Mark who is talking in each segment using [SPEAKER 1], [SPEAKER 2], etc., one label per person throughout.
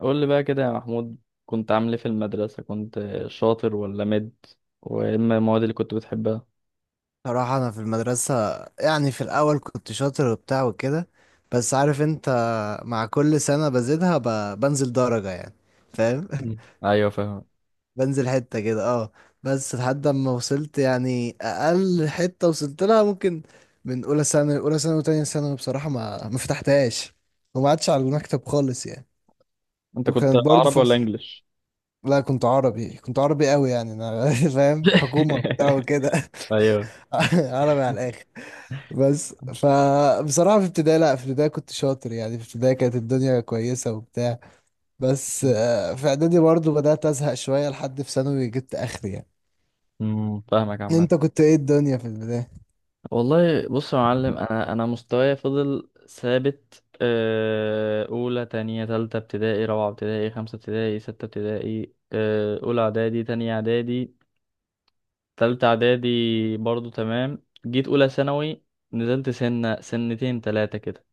[SPEAKER 1] قول لي بقى كده يا محمود، كنت عامل ايه في المدرسة؟ كنت شاطر ولا مد؟ وايه المواد اللي كنت بتحبها؟
[SPEAKER 2] صراحة أنا في المدرسة، يعني في الأول كنت شاطر وبتاع وكده. بس عارف أنت، مع كل سنة بزيدها بنزل درجة يعني، فاهم؟
[SPEAKER 1] مم. ايوه فاهم.
[SPEAKER 2] بنزل حتة كده، اه. بس لحد ما وصلت يعني أقل حتة وصلت لها، ممكن من أولى سنة وتانية سنة بصراحة ما فتحتهاش، وما عادش على المكتب خالص يعني.
[SPEAKER 1] انت كنت
[SPEAKER 2] وكانت برضه
[SPEAKER 1] عربي ولا
[SPEAKER 2] فترة.
[SPEAKER 1] انجليش؟
[SPEAKER 2] لا كنت عربي قوي يعني أنا، فاهم حكومة وبتاع وكده.
[SPEAKER 1] ايوه.
[SPEAKER 2] عربي على الآخر. بس فبصراحة في ابتدائي، لا في ابتدائي كنت شاطر يعني، في ابتدائي كانت الدنيا كويسة وبتاع. بس في اعدادي برضو بدأت أزهق شوية، لحد في ثانوي جبت آخري يعني.
[SPEAKER 1] امم، فاهمك
[SPEAKER 2] انت
[SPEAKER 1] عامة.
[SPEAKER 2] كنت ايه الدنيا في البداية؟
[SPEAKER 1] والله بص يا معلم، انا مستواي فضل ثابت آه، اولى، تانية، تالتة ابتدائي، رابعة ابتدائي، خمسة ابتدائي، ستة ابتدائي آه، اولى اعدادي، تانية اعدادي، تالتة إعدادي برضو تمام. جيت أولى ثانوي نزلت سنة، سنتين، تلاتة كده.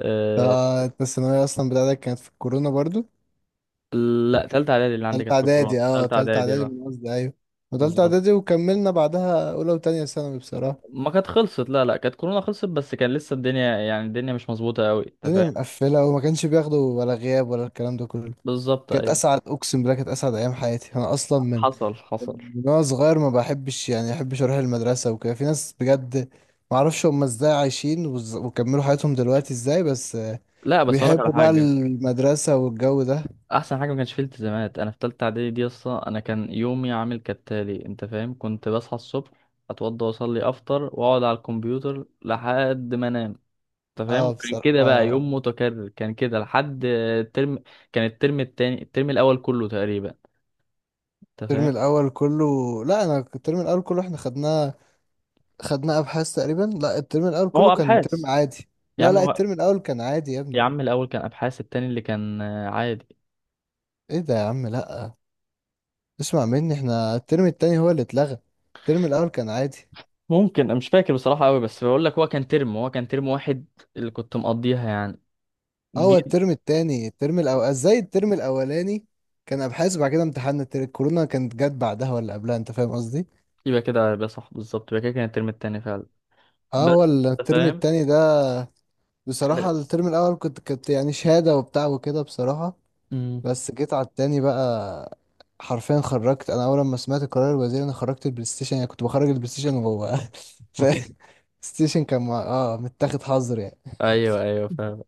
[SPEAKER 1] أه.
[SPEAKER 2] انت الثانوية اصلا بتاعتك كانت في الكورونا برضو؟
[SPEAKER 1] لا، تالتة إعدادي اللي عندي
[SPEAKER 2] تالتة
[SPEAKER 1] كانت في كورونا.
[SPEAKER 2] اعدادي، اه
[SPEAKER 1] تالتة
[SPEAKER 2] تالتة
[SPEAKER 1] إعدادي،
[SPEAKER 2] اعدادي
[SPEAKER 1] اه،
[SPEAKER 2] من قصدي، ايوه. وتالتة
[SPEAKER 1] بالظبط.
[SPEAKER 2] اعدادي، وكملنا بعدها اولى وتانية ثانوي بصراحة.
[SPEAKER 1] ما كانت خلصت، لا كانت كورونا خلصت، بس كان لسه الدنيا يعني الدنيا مش مظبوطة أوي، أنت
[SPEAKER 2] الدنيا
[SPEAKER 1] فاهم.
[SPEAKER 2] مقفلة، وما كانش بياخدوا ولا غياب ولا الكلام ده كله.
[SPEAKER 1] بالظبط،
[SPEAKER 2] كانت
[SPEAKER 1] أيوه.
[SPEAKER 2] اسعد اقسم بالله، كانت اسعد ايام حياتي. انا اصلا من
[SPEAKER 1] حصل، حصل.
[SPEAKER 2] من وانا صغير ما بحبش اروح المدرسه وكده. في ناس بجد ما اعرفش هم ازاي عايشين وكملوا حياتهم دلوقتي ازاي، بس
[SPEAKER 1] لا بس أقولك على
[SPEAKER 2] بيحبوا بقى
[SPEAKER 1] حاجة،
[SPEAKER 2] المدرسه والجو ده.
[SPEAKER 1] أحسن حاجة ما كانش فيه التزامات. أنا في تالتة إعدادي دي أصلا أنا كان يومي عامل كالتالي، أنت فاهم، كنت بصحى الصبح، أتوضى وأصلي، أفطر وأقعد على الكمبيوتر لحد ما أنام. انت فاهم،
[SPEAKER 2] اه
[SPEAKER 1] كان كده بقى
[SPEAKER 2] بصراحه،
[SPEAKER 1] يوم متكرر، كان كده لحد الترم. كان الترم التاني، الترم الاول كله تقريبا، انت
[SPEAKER 2] الترم
[SPEAKER 1] فاهم.
[SPEAKER 2] الاول كله. لا انا الترم الاول كله احنا خدناه ابحاث تقريبا. لا الترم الاول
[SPEAKER 1] ما هو
[SPEAKER 2] كله كان ترم
[SPEAKER 1] ابحاث.
[SPEAKER 2] عادي.
[SPEAKER 1] يا
[SPEAKER 2] لا
[SPEAKER 1] عم
[SPEAKER 2] لا
[SPEAKER 1] هو...
[SPEAKER 2] الترم الاول كان عادي يا
[SPEAKER 1] يا
[SPEAKER 2] ابني.
[SPEAKER 1] عم الاول كان ابحاث، التاني اللي كان آه، عادي.
[SPEAKER 2] ايه ده يا عم لا، اسمع مني، احنا الترم التاني هو اللي اتلغى، الترم الاول كان عادي.
[SPEAKER 1] ممكن أنا مش فاكر بصراحه قوي، بس بقول لك هو كان ترم، واحد اللي كنت مقضيها يعني.
[SPEAKER 2] هو
[SPEAKER 1] جيت.
[SPEAKER 2] الترم التاني، الترم الأول ازاي، الترم الأولاني كان أبحاث. بعد كده امتحان الكورونا كانت جت بعدها ولا قبلها، أنت فاهم قصدي؟
[SPEAKER 1] يبقى كده يبقى صح، بالظبط يبقى كده كان الترم التاني فعلا.
[SPEAKER 2] اه
[SPEAKER 1] بس
[SPEAKER 2] هو
[SPEAKER 1] انت
[SPEAKER 2] الترم
[SPEAKER 1] فاهم.
[SPEAKER 2] التاني ده. بصراحة الترم الأول كنت يعني شهادة وبتاع وكده بصراحة.
[SPEAKER 1] امم.
[SPEAKER 2] بس جيت على التاني بقى. حرفيا خرجت أنا، أول ما سمعت قرار الوزير أنا خرجت البلاي ستيشن، يعني كنت بخرج البلاي ستيشن وهو ف الستيشن كان مع... اه متاخد حظر يعني
[SPEAKER 1] ايوه ايوه فاهم.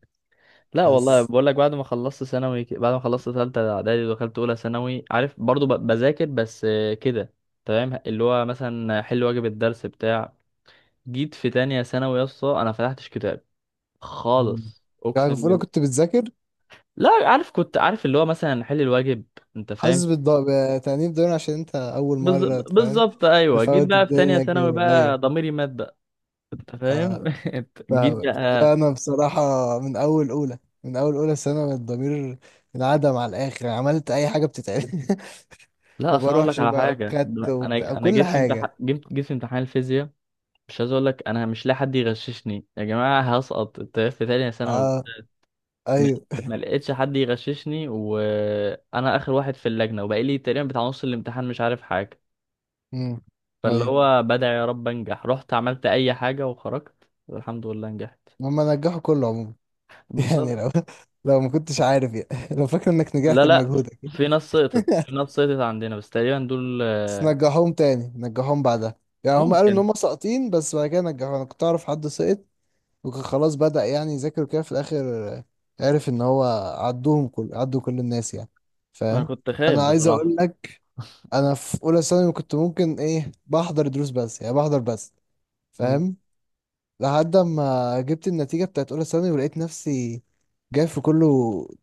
[SPEAKER 1] لا والله
[SPEAKER 2] بس.
[SPEAKER 1] بقول لك، بعد ما خلصت ثانوي بعد ما خلصت ثالثه اعدادي ودخلت اولى ثانوي، عارف، برضو بذاكر بس آه، كده، تمام، اللي هو مثلا حل واجب الدرس بتاع. جيت في تانية ثانوي يا اسطى انا فتحتش كتاب
[SPEAKER 2] مم.
[SPEAKER 1] خالص، اقسم
[SPEAKER 2] يعني في أولى
[SPEAKER 1] بالله.
[SPEAKER 2] كنت بتذاكر.
[SPEAKER 1] لا عارف، كنت عارف اللي هو مثلا حل الواجب، انت فاهم.
[SPEAKER 2] حاسس بالضغط، بتأنيب ضمير، عشان أنت أول
[SPEAKER 1] بالز-
[SPEAKER 2] مرة فاهم.
[SPEAKER 1] بالظبط، ايوه. جيت
[SPEAKER 2] تفوت
[SPEAKER 1] بقى في تانية
[SPEAKER 2] الدنيا
[SPEAKER 1] ثانوي
[SPEAKER 2] كده،
[SPEAKER 1] بقى
[SPEAKER 2] ايوه.
[SPEAKER 1] ضميري مات بقى، انت فاهم.
[SPEAKER 2] آه،
[SPEAKER 1] جيت
[SPEAKER 2] فاهمك. لا
[SPEAKER 1] بقى.
[SPEAKER 2] انا بصراحه، من اول اولى سنه الضمير انعدم على الاخر، عملت اي حاجه بتتعمل.
[SPEAKER 1] لا
[SPEAKER 2] ما
[SPEAKER 1] اصل انا اقول لك
[SPEAKER 2] بروحش
[SPEAKER 1] على
[SPEAKER 2] بقى
[SPEAKER 1] حاجه،
[SPEAKER 2] كات وبتاع
[SPEAKER 1] انا انا
[SPEAKER 2] كل
[SPEAKER 1] جيت في امتحان،
[SPEAKER 2] حاجه.
[SPEAKER 1] جيت في امتحان الفيزياء، مش عايز اقول لك، انا مش لاقي حد يغششني. يا جماعه هسقط في تانية ثانوي.
[SPEAKER 2] اه
[SPEAKER 1] ما
[SPEAKER 2] ايوه،
[SPEAKER 1] لقيتش حد يغششني وانا اخر واحد في اللجنه، وبقى لي تقريبا بتاع نص الامتحان مش عارف حاجه،
[SPEAKER 2] امم
[SPEAKER 1] فاللي
[SPEAKER 2] ايوه.
[SPEAKER 1] هو بدعي يا رب انجح، رحت عملت اي حاجه وخرجت والحمد لله نجحت.
[SPEAKER 2] هما نجحوا كله عموما. يعني
[SPEAKER 1] بالظبط.
[SPEAKER 2] لو ما كنتش عارف يعني. لو فاكر انك
[SPEAKER 1] لا
[SPEAKER 2] نجحت
[SPEAKER 1] لا،
[SPEAKER 2] بمجهودك.
[SPEAKER 1] في ناس سقطت، في ناس سقطت عندنا بس تقريبا دول
[SPEAKER 2] بس
[SPEAKER 1] آه،
[SPEAKER 2] نجحوهم تاني، نجحوهم بعدها. يعني هم قالوا ان
[SPEAKER 1] ممكن.
[SPEAKER 2] هم ساقطين بس بعد كده نجحوا. انا كنت اعرف حد سقط وكان خلاص بدأ يعني يذاكر كده في الآخر، عرف إن هو عدوهم كل عدوا كل الناس يعني،
[SPEAKER 1] انا
[SPEAKER 2] فاهم.
[SPEAKER 1] كنت خايف
[SPEAKER 2] أنا عايز أقول
[SPEAKER 1] بصراحه.
[SPEAKER 2] لك، أنا في أولى ثانوي كنت ممكن إيه، بحضر دروس بس يعني، بحضر بس،
[SPEAKER 1] مم.
[SPEAKER 2] فاهم. لحد ما جبت النتيجة بتاعت أولى ثانوي، ولقيت نفسي جايب في كله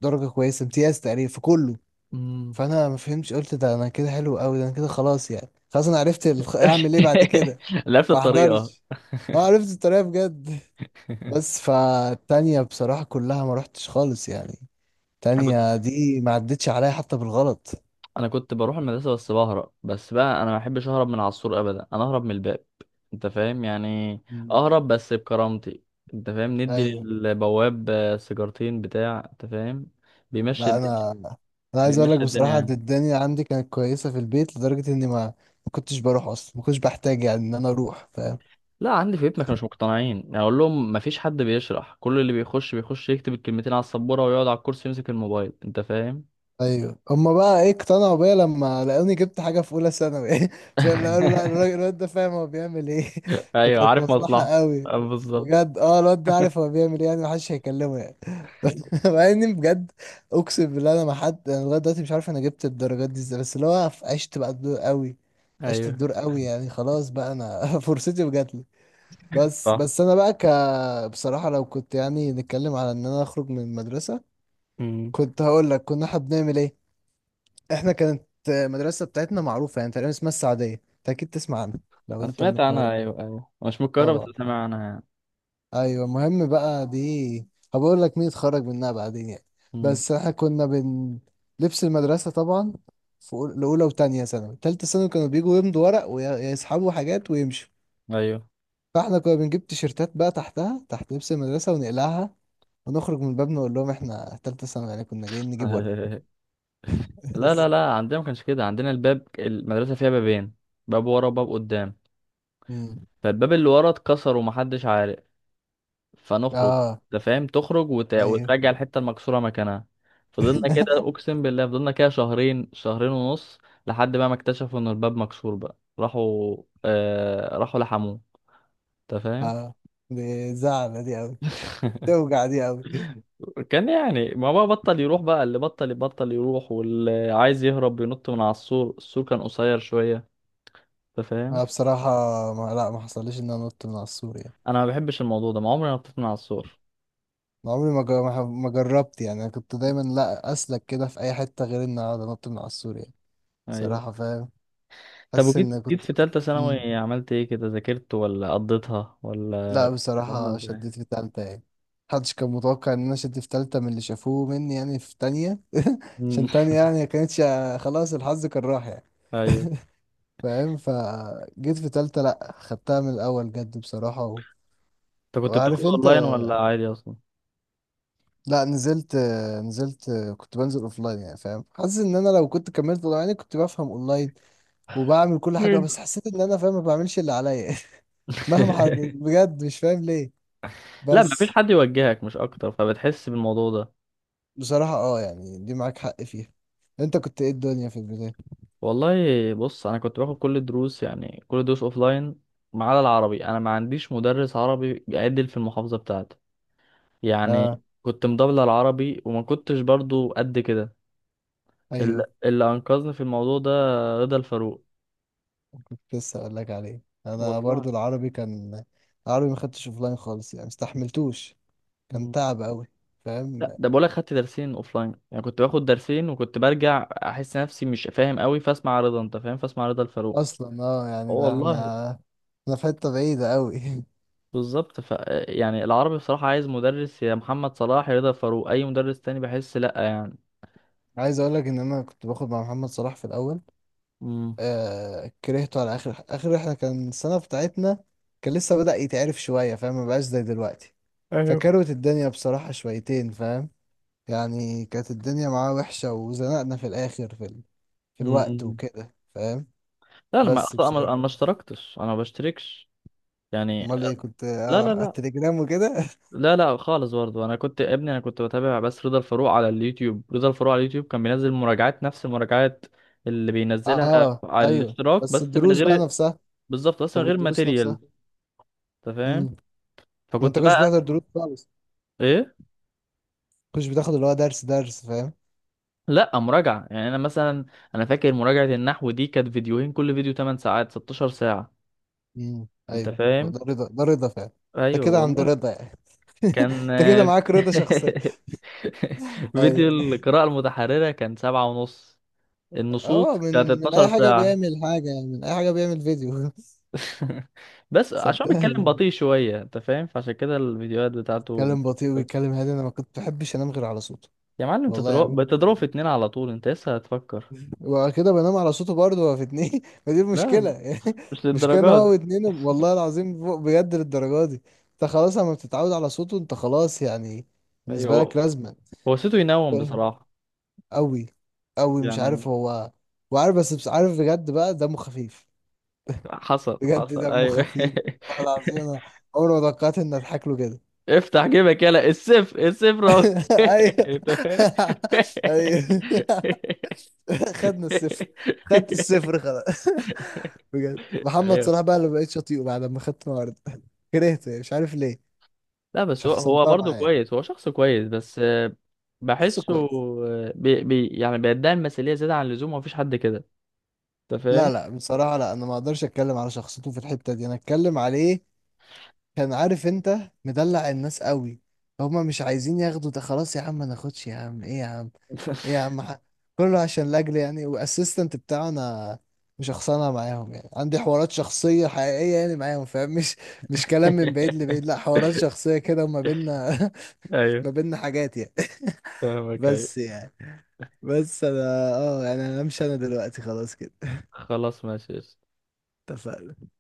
[SPEAKER 2] درجة كويسة، امتياز تقريبا في كله.
[SPEAKER 1] مم.
[SPEAKER 2] فأنا ما فهمتش، قلت ده أنا كده حلو أوي، ده أنا كده خلاص يعني. خلاص أنا عرفت أعمل إيه بعد كده.
[SPEAKER 1] لفت
[SPEAKER 2] ما
[SPEAKER 1] الطريقه.
[SPEAKER 2] أحضرش. أه عرفت الطريقة بجد. بس فالتانية بصراحة كلها ما رحتش خالص يعني، التانية دي ما عدتش عليا حتى بالغلط.
[SPEAKER 1] انا كنت بروح المدرسه بس بهرب، بس بقى انا ما بحبش اهرب من على السور ابدا، انا اهرب من الباب، انت فاهم يعني،
[SPEAKER 2] مم.
[SPEAKER 1] اهرب بس بكرامتي، انت فاهم، ندي
[SPEAKER 2] ايوه.
[SPEAKER 1] للبواب آه، سيجارتين بتاع، انت فاهم، بيمشي
[SPEAKER 2] لا
[SPEAKER 1] الدنيا.
[SPEAKER 2] انا عايز اقول لك
[SPEAKER 1] بيمشي الدنيا
[SPEAKER 2] بصراحة إن
[SPEAKER 1] يعني.
[SPEAKER 2] الدنيا عندي كانت كويسة في البيت، لدرجة اني ما كنتش بروح اصلا، ما كنتش بحتاج يعني ان انا اروح، فاهم.
[SPEAKER 1] لا عندي في بيتنا كانوا مش مقتنعين، يعني اقول لهم ما فيش حد بيشرح، كل اللي بيخش يكتب الكلمتين على السبوره ويقعد على الكرسي يمسك الموبايل، انت فاهم.
[SPEAKER 2] ايوه هما بقى ايه اقتنعوا بيا لما لقوني جبت حاجه في اولى ثانوي، فاهم؟ لا قالوا لا، الراجل الواد ده فاهم هو بيعمل ايه.
[SPEAKER 1] ايوه،
[SPEAKER 2] فكانت
[SPEAKER 1] عارف
[SPEAKER 2] مصلحه
[SPEAKER 1] مصلحه
[SPEAKER 2] قوي،
[SPEAKER 1] آه، بالظبط.
[SPEAKER 2] بجد اه الواد ده عارف هو بيعمل ايه يعني، محدش هيكلمه يعني. مع اني بجد اقسم بالله، انا ما حد انا لغايه دلوقتي مش عارف انا جبت الدرجات دي ازاي، بس اللي هو عشت بقى الدور قوي. عشت
[SPEAKER 1] ايوه،
[SPEAKER 2] الدور قوي يعني، خلاص بقى انا فرصتي وجاتلي. بس
[SPEAKER 1] صح.
[SPEAKER 2] بس انا بقى بصراحه، لو كنت يعني نتكلم على ان انا اخرج من المدرسه،
[SPEAKER 1] امم.
[SPEAKER 2] كنت هقول لك كنا احنا بنعمل ايه. احنا كانت المدرسة بتاعتنا معروفة يعني تقريبا، اسمها السعدية، انت اكيد تسمع عنها لو
[SPEAKER 1] انا
[SPEAKER 2] انت من
[SPEAKER 1] سمعت عنها،
[SPEAKER 2] القاهرة.
[SPEAKER 1] ايوه ايوه، مش من القاهره بس
[SPEAKER 2] طبعا
[SPEAKER 1] سامع
[SPEAKER 2] آه.
[SPEAKER 1] عنها يعني.
[SPEAKER 2] ايوه المهم بقى دي، هبقول لك مين اتخرج منها بعدين يعني.
[SPEAKER 1] مم.
[SPEAKER 2] بس احنا كنا لبس المدرسة طبعا. في لأولى وتانية ثانوي، تالتة ثانوي كانوا بيجوا يمضوا ورق ويسحبوا حاجات ويمشوا.
[SPEAKER 1] ايوه.
[SPEAKER 2] فاحنا كنا بنجيب تيشيرتات بقى تحتها، تحت لبس المدرسة، ونقلعها، ونخرج من الباب نقول لهم احنا تالتة ثانوي يعني كنا جايين نجيب ورق.
[SPEAKER 1] لا لا
[SPEAKER 2] بس.
[SPEAKER 1] لا عندنا ما كانش كده، عندنا الباب، المدرسه فيها بابين، باب ورا وباب قدام،
[SPEAKER 2] مم.
[SPEAKER 1] فالباب اللي ورا اتكسر ومحدش عارف، فنخرج،
[SPEAKER 2] اه
[SPEAKER 1] انت فاهم، تخرج وت...
[SPEAKER 2] ايوه.
[SPEAKER 1] وترجع الحته المكسوره مكانها. فضلنا كده اقسم بالله، فضلنا كده شهرين، شهرين ونص، لحد بقى ما اكتشفوا ان الباب مكسور بقى، راحوا آه... راحوا لحموه، انت فاهم.
[SPEAKER 2] اه دي زعلة دي أوي، توجع دي أوي.
[SPEAKER 1] كان يعني ما بقى بطل يروح بقى، اللي بطل بطل يروح، واللي عايز يهرب بينط من على السور، السور كان قصير شوية، انت فاهم.
[SPEAKER 2] أنا بصراحة ما حصليش إن أنا نط من على السور يعني.
[SPEAKER 1] انا ما بحبش الموضوع ده، ما عمري ما نطيت من على السور.
[SPEAKER 2] أنا عمري ما جر- ما ح- ما جربت يعني، أنا كنت دايما لا أسلك كده في أي حتة، غير إن أقعد أنط من على السور يعني.
[SPEAKER 1] ايوه.
[SPEAKER 2] بصراحة فاهم.
[SPEAKER 1] طب
[SPEAKER 2] حاسس
[SPEAKER 1] وجيت،
[SPEAKER 2] إن كنت.
[SPEAKER 1] في تالتة
[SPEAKER 2] مم.
[SPEAKER 1] ثانوي عملت ايه كده؟ ذاكرت ولا قضيتها ولا؟
[SPEAKER 2] لا
[SPEAKER 1] كانت عامله
[SPEAKER 2] بصراحة
[SPEAKER 1] ازاي؟
[SPEAKER 2] شديت في تالتة يعني. محدش كان متوقع إن أنا شديت في تالتة من اللي شافوه مني يعني، في تانية
[SPEAKER 1] مم.
[SPEAKER 2] عشان تانية يعني كانتش، خلاص الحظ كان راح يعني.
[SPEAKER 1] ايوه.
[SPEAKER 2] فاهم. فجيت في تالتة لأ، خدتها من الأول جد بصراحة
[SPEAKER 1] انت كنت بتاخد
[SPEAKER 2] وعارف انت.
[SPEAKER 1] اونلاين ولا عادي اصلا؟
[SPEAKER 2] لا نزلت كنت بنزل اوفلاين يعني، فاهم. حاسس ان انا لو كنت كملت اونلاين يعني كنت بفهم اونلاين وبعمل كل حاجه،
[SPEAKER 1] مم.
[SPEAKER 2] بس حسيت ان انا فاهم ما بعملش اللي عليا. مهما حد بجد مش فاهم ليه.
[SPEAKER 1] لا
[SPEAKER 2] بس
[SPEAKER 1] مفيش حد يوجهك مش اكتر، فبتحس بالموضوع ده.
[SPEAKER 2] بصراحه اه يعني دي معاك حق فيها. انت كنت ايه الدنيا في البدايه؟
[SPEAKER 1] والله بص، انا كنت باخد كل الدروس، يعني كل الدروس اوفلاين، ما عدا العربي، انا ما عنديش مدرس عربي بيعدل في المحافظه بتاعتي،
[SPEAKER 2] اه
[SPEAKER 1] يعني كنت مضبله العربي، وما كنتش برضو قد كده.
[SPEAKER 2] ايوه
[SPEAKER 1] اللي انقذني في الموضوع ده رضا الفاروق.
[SPEAKER 2] كنت لسه اقول لك عليه، انا
[SPEAKER 1] والله.
[SPEAKER 2] برضو العربي ما خدتش اوفلاين خالص يعني، مستحملتوش، كان
[SPEAKER 1] مم.
[SPEAKER 2] تعب قوي،
[SPEAKER 1] لا
[SPEAKER 2] فاهم.
[SPEAKER 1] ده بقولك خدت درسين اوفلاين، يعني كنت باخد درسين وكنت برجع احس نفسي مش فاهم قوي، فاسمع رضا، انت فاهم، فاسمع رضا الفاروق.
[SPEAKER 2] اصلا اه
[SPEAKER 1] اه
[SPEAKER 2] يعني ده احنا
[SPEAKER 1] والله.
[SPEAKER 2] احنا في حته بعيده قوي.
[SPEAKER 1] بالظبط، ف يعني العربي بصراحة عايز مدرس، يا محمد صلاح يا رضا الفاروق، اي مدرس تاني بحس لا يعني.
[SPEAKER 2] عايز اقول لك ان انا كنت باخد مع محمد صلاح في الاول.
[SPEAKER 1] مم.
[SPEAKER 2] آه كرهته على اخر اخر رحله، كان السنه بتاعتنا كان لسه بدأ يتعرف شويه، فاهم، ما بقاش زي دلوقتي.
[SPEAKER 1] ايوه.
[SPEAKER 2] فكروت الدنيا بصراحه شويتين فاهم، يعني كانت الدنيا معاه وحشه وزنقنا في الاخر في الوقت
[SPEAKER 1] مم.
[SPEAKER 2] وكده، فاهم.
[SPEAKER 1] لا انا ما
[SPEAKER 2] بس
[SPEAKER 1] اصلا، أنا
[SPEAKER 2] بصراحه،
[SPEAKER 1] ما اشتركتش، انا ما بشتركش يعني.
[SPEAKER 2] امال ايه كنت
[SPEAKER 1] لا لا.
[SPEAKER 2] على
[SPEAKER 1] لا
[SPEAKER 2] التليجرام وكده.
[SPEAKER 1] لا لا خالص، برضه انا كنت يا ابني، انا كنت بتابع بس رضا الفاروق على اليوتيوب، رضا الفاروق على اليوتيوب كان بينزل مراجعات، نفس المراجعات اللي بينزلها
[SPEAKER 2] اه
[SPEAKER 1] على
[SPEAKER 2] ايوه
[SPEAKER 1] الاشتراك،
[SPEAKER 2] بس
[SPEAKER 1] بس من
[SPEAKER 2] الدروس بقى
[SPEAKER 1] غير.
[SPEAKER 2] نفسها.
[SPEAKER 1] بالظبط، بس
[SPEAKER 2] طب
[SPEAKER 1] من غير
[SPEAKER 2] والدروس
[SPEAKER 1] ماتيريال،
[SPEAKER 2] نفسها.
[SPEAKER 1] انت فاهم.
[SPEAKER 2] امم انت
[SPEAKER 1] فكنت
[SPEAKER 2] كنتش
[SPEAKER 1] بقى
[SPEAKER 2] بتحضر
[SPEAKER 1] اسمع.
[SPEAKER 2] دروس خالص؟
[SPEAKER 1] ايه؟
[SPEAKER 2] كنتش بتاخد اللي هو درس درس، فاهم؟
[SPEAKER 1] لا مراجعة يعني، انا مثلا انا فاكر مراجعة النحو دي كانت فيديوهين، كل فيديو ثمن ساعات، 16 ساعة، انت
[SPEAKER 2] ايوه هو
[SPEAKER 1] فاهم.
[SPEAKER 2] ده رضا، ده رضا فعلا. انت
[SPEAKER 1] ايوه
[SPEAKER 2] كده عند
[SPEAKER 1] والله.
[SPEAKER 2] رضا يعني.
[SPEAKER 1] كان
[SPEAKER 2] انت كده معاك رضا شخصية.
[SPEAKER 1] فيديو
[SPEAKER 2] ايوه
[SPEAKER 1] القراءة المتحررة كان سبعة ونص، النصوص
[SPEAKER 2] اه،
[SPEAKER 1] كانت
[SPEAKER 2] من اي
[SPEAKER 1] 12
[SPEAKER 2] حاجة
[SPEAKER 1] ساعة.
[SPEAKER 2] بيعمل حاجة يعني، من اي حاجة بيعمل فيديو.
[SPEAKER 1] بس عشان بيتكلم
[SPEAKER 2] صدقني
[SPEAKER 1] بطيء شوية، انت فاهم، فعشان كده الفيديوهات بتاعته.
[SPEAKER 2] بيتكلم بطيء وبيتكلم هادي، انا ما كنت بحبش انام غير على صوته.
[SPEAKER 1] يا معلم انت
[SPEAKER 2] والله يعني
[SPEAKER 1] تضرب بتضرب في
[SPEAKER 2] ممكن،
[SPEAKER 1] اتنين على طول، انت لسه هتفكر.
[SPEAKER 2] وبعد كده بنام على صوته برضه، هو في اتنين ما دي المشكلة
[SPEAKER 1] لا
[SPEAKER 2] يعني.
[SPEAKER 1] مش
[SPEAKER 2] المشكلة ان
[SPEAKER 1] للدرجات دي.
[SPEAKER 2] هو واتنين والله العظيم، فوق بجد للدرجة دي. انت خلاص لما بتتعود على صوته انت خلاص يعني،
[SPEAKER 1] ايوه
[SPEAKER 2] بالنسبة لك
[SPEAKER 1] هو،
[SPEAKER 2] لازمة.
[SPEAKER 1] هو صوته ينوم بصراحة
[SPEAKER 2] قوي قوي مش
[SPEAKER 1] يعني.
[SPEAKER 2] عارف هو. وعارف بس عارف بجد بقى دمه خفيف.
[SPEAKER 1] حصل،
[SPEAKER 2] بجد
[SPEAKER 1] حصل،
[SPEAKER 2] دمه
[SPEAKER 1] ايوه.
[SPEAKER 2] خفيف، والله العظيم انا عمري ما توقعت اني اضحك له كده.
[SPEAKER 1] افتح جيبك يلا، السيف السيف رو.
[SPEAKER 2] ايوه. ايوه. خدنا الصفر، خدت الصفر خلاص. بجد محمد
[SPEAKER 1] ايوه.
[SPEAKER 2] صلاح بقى اللي بقيت شاطئه بعد ما خدت النهارده. كرهته يعني، مش عارف ليه.
[SPEAKER 1] لا بس هو، هو
[SPEAKER 2] شخصنتها
[SPEAKER 1] برضه
[SPEAKER 2] معاه يعني.
[SPEAKER 1] كويس، هو شخص كويس بس آه،
[SPEAKER 2] شخص
[SPEAKER 1] بحسه
[SPEAKER 2] كويس.
[SPEAKER 1] آه، بي يعني بيدعي المثالية زيادة عن اللزوم، ومفيش حد كده، انت
[SPEAKER 2] لا
[SPEAKER 1] فاهم؟
[SPEAKER 2] لا بصراحة لا، انا ما اقدرش اتكلم على شخصيته في الحتة دي، انا اتكلم عليه كان عارف انت مدلع الناس قوي. هما مش عايزين ياخدوا، ده خلاص يا عم ما ناخدش يا عم، ايه يا عم، ايه يا عم كله عشان لاجل يعني واسيستنت بتاعه. انا مش شخصانه معاهم يعني، عندي حوارات شخصيه حقيقيه يعني معاهم فاهم، مش كلام من بعيد لبعيد، لا حوارات شخصيه كده وما بينا. ما
[SPEAKER 1] ايوه
[SPEAKER 2] بينا حاجات يعني.
[SPEAKER 1] فاهمك، ايوه.
[SPEAKER 2] بس يعني، بس انا اه يعني انا همشي، انا دلوقتي خلاص كده.
[SPEAKER 1] خلاص ماشي.
[SPEAKER 2] اتفقنا.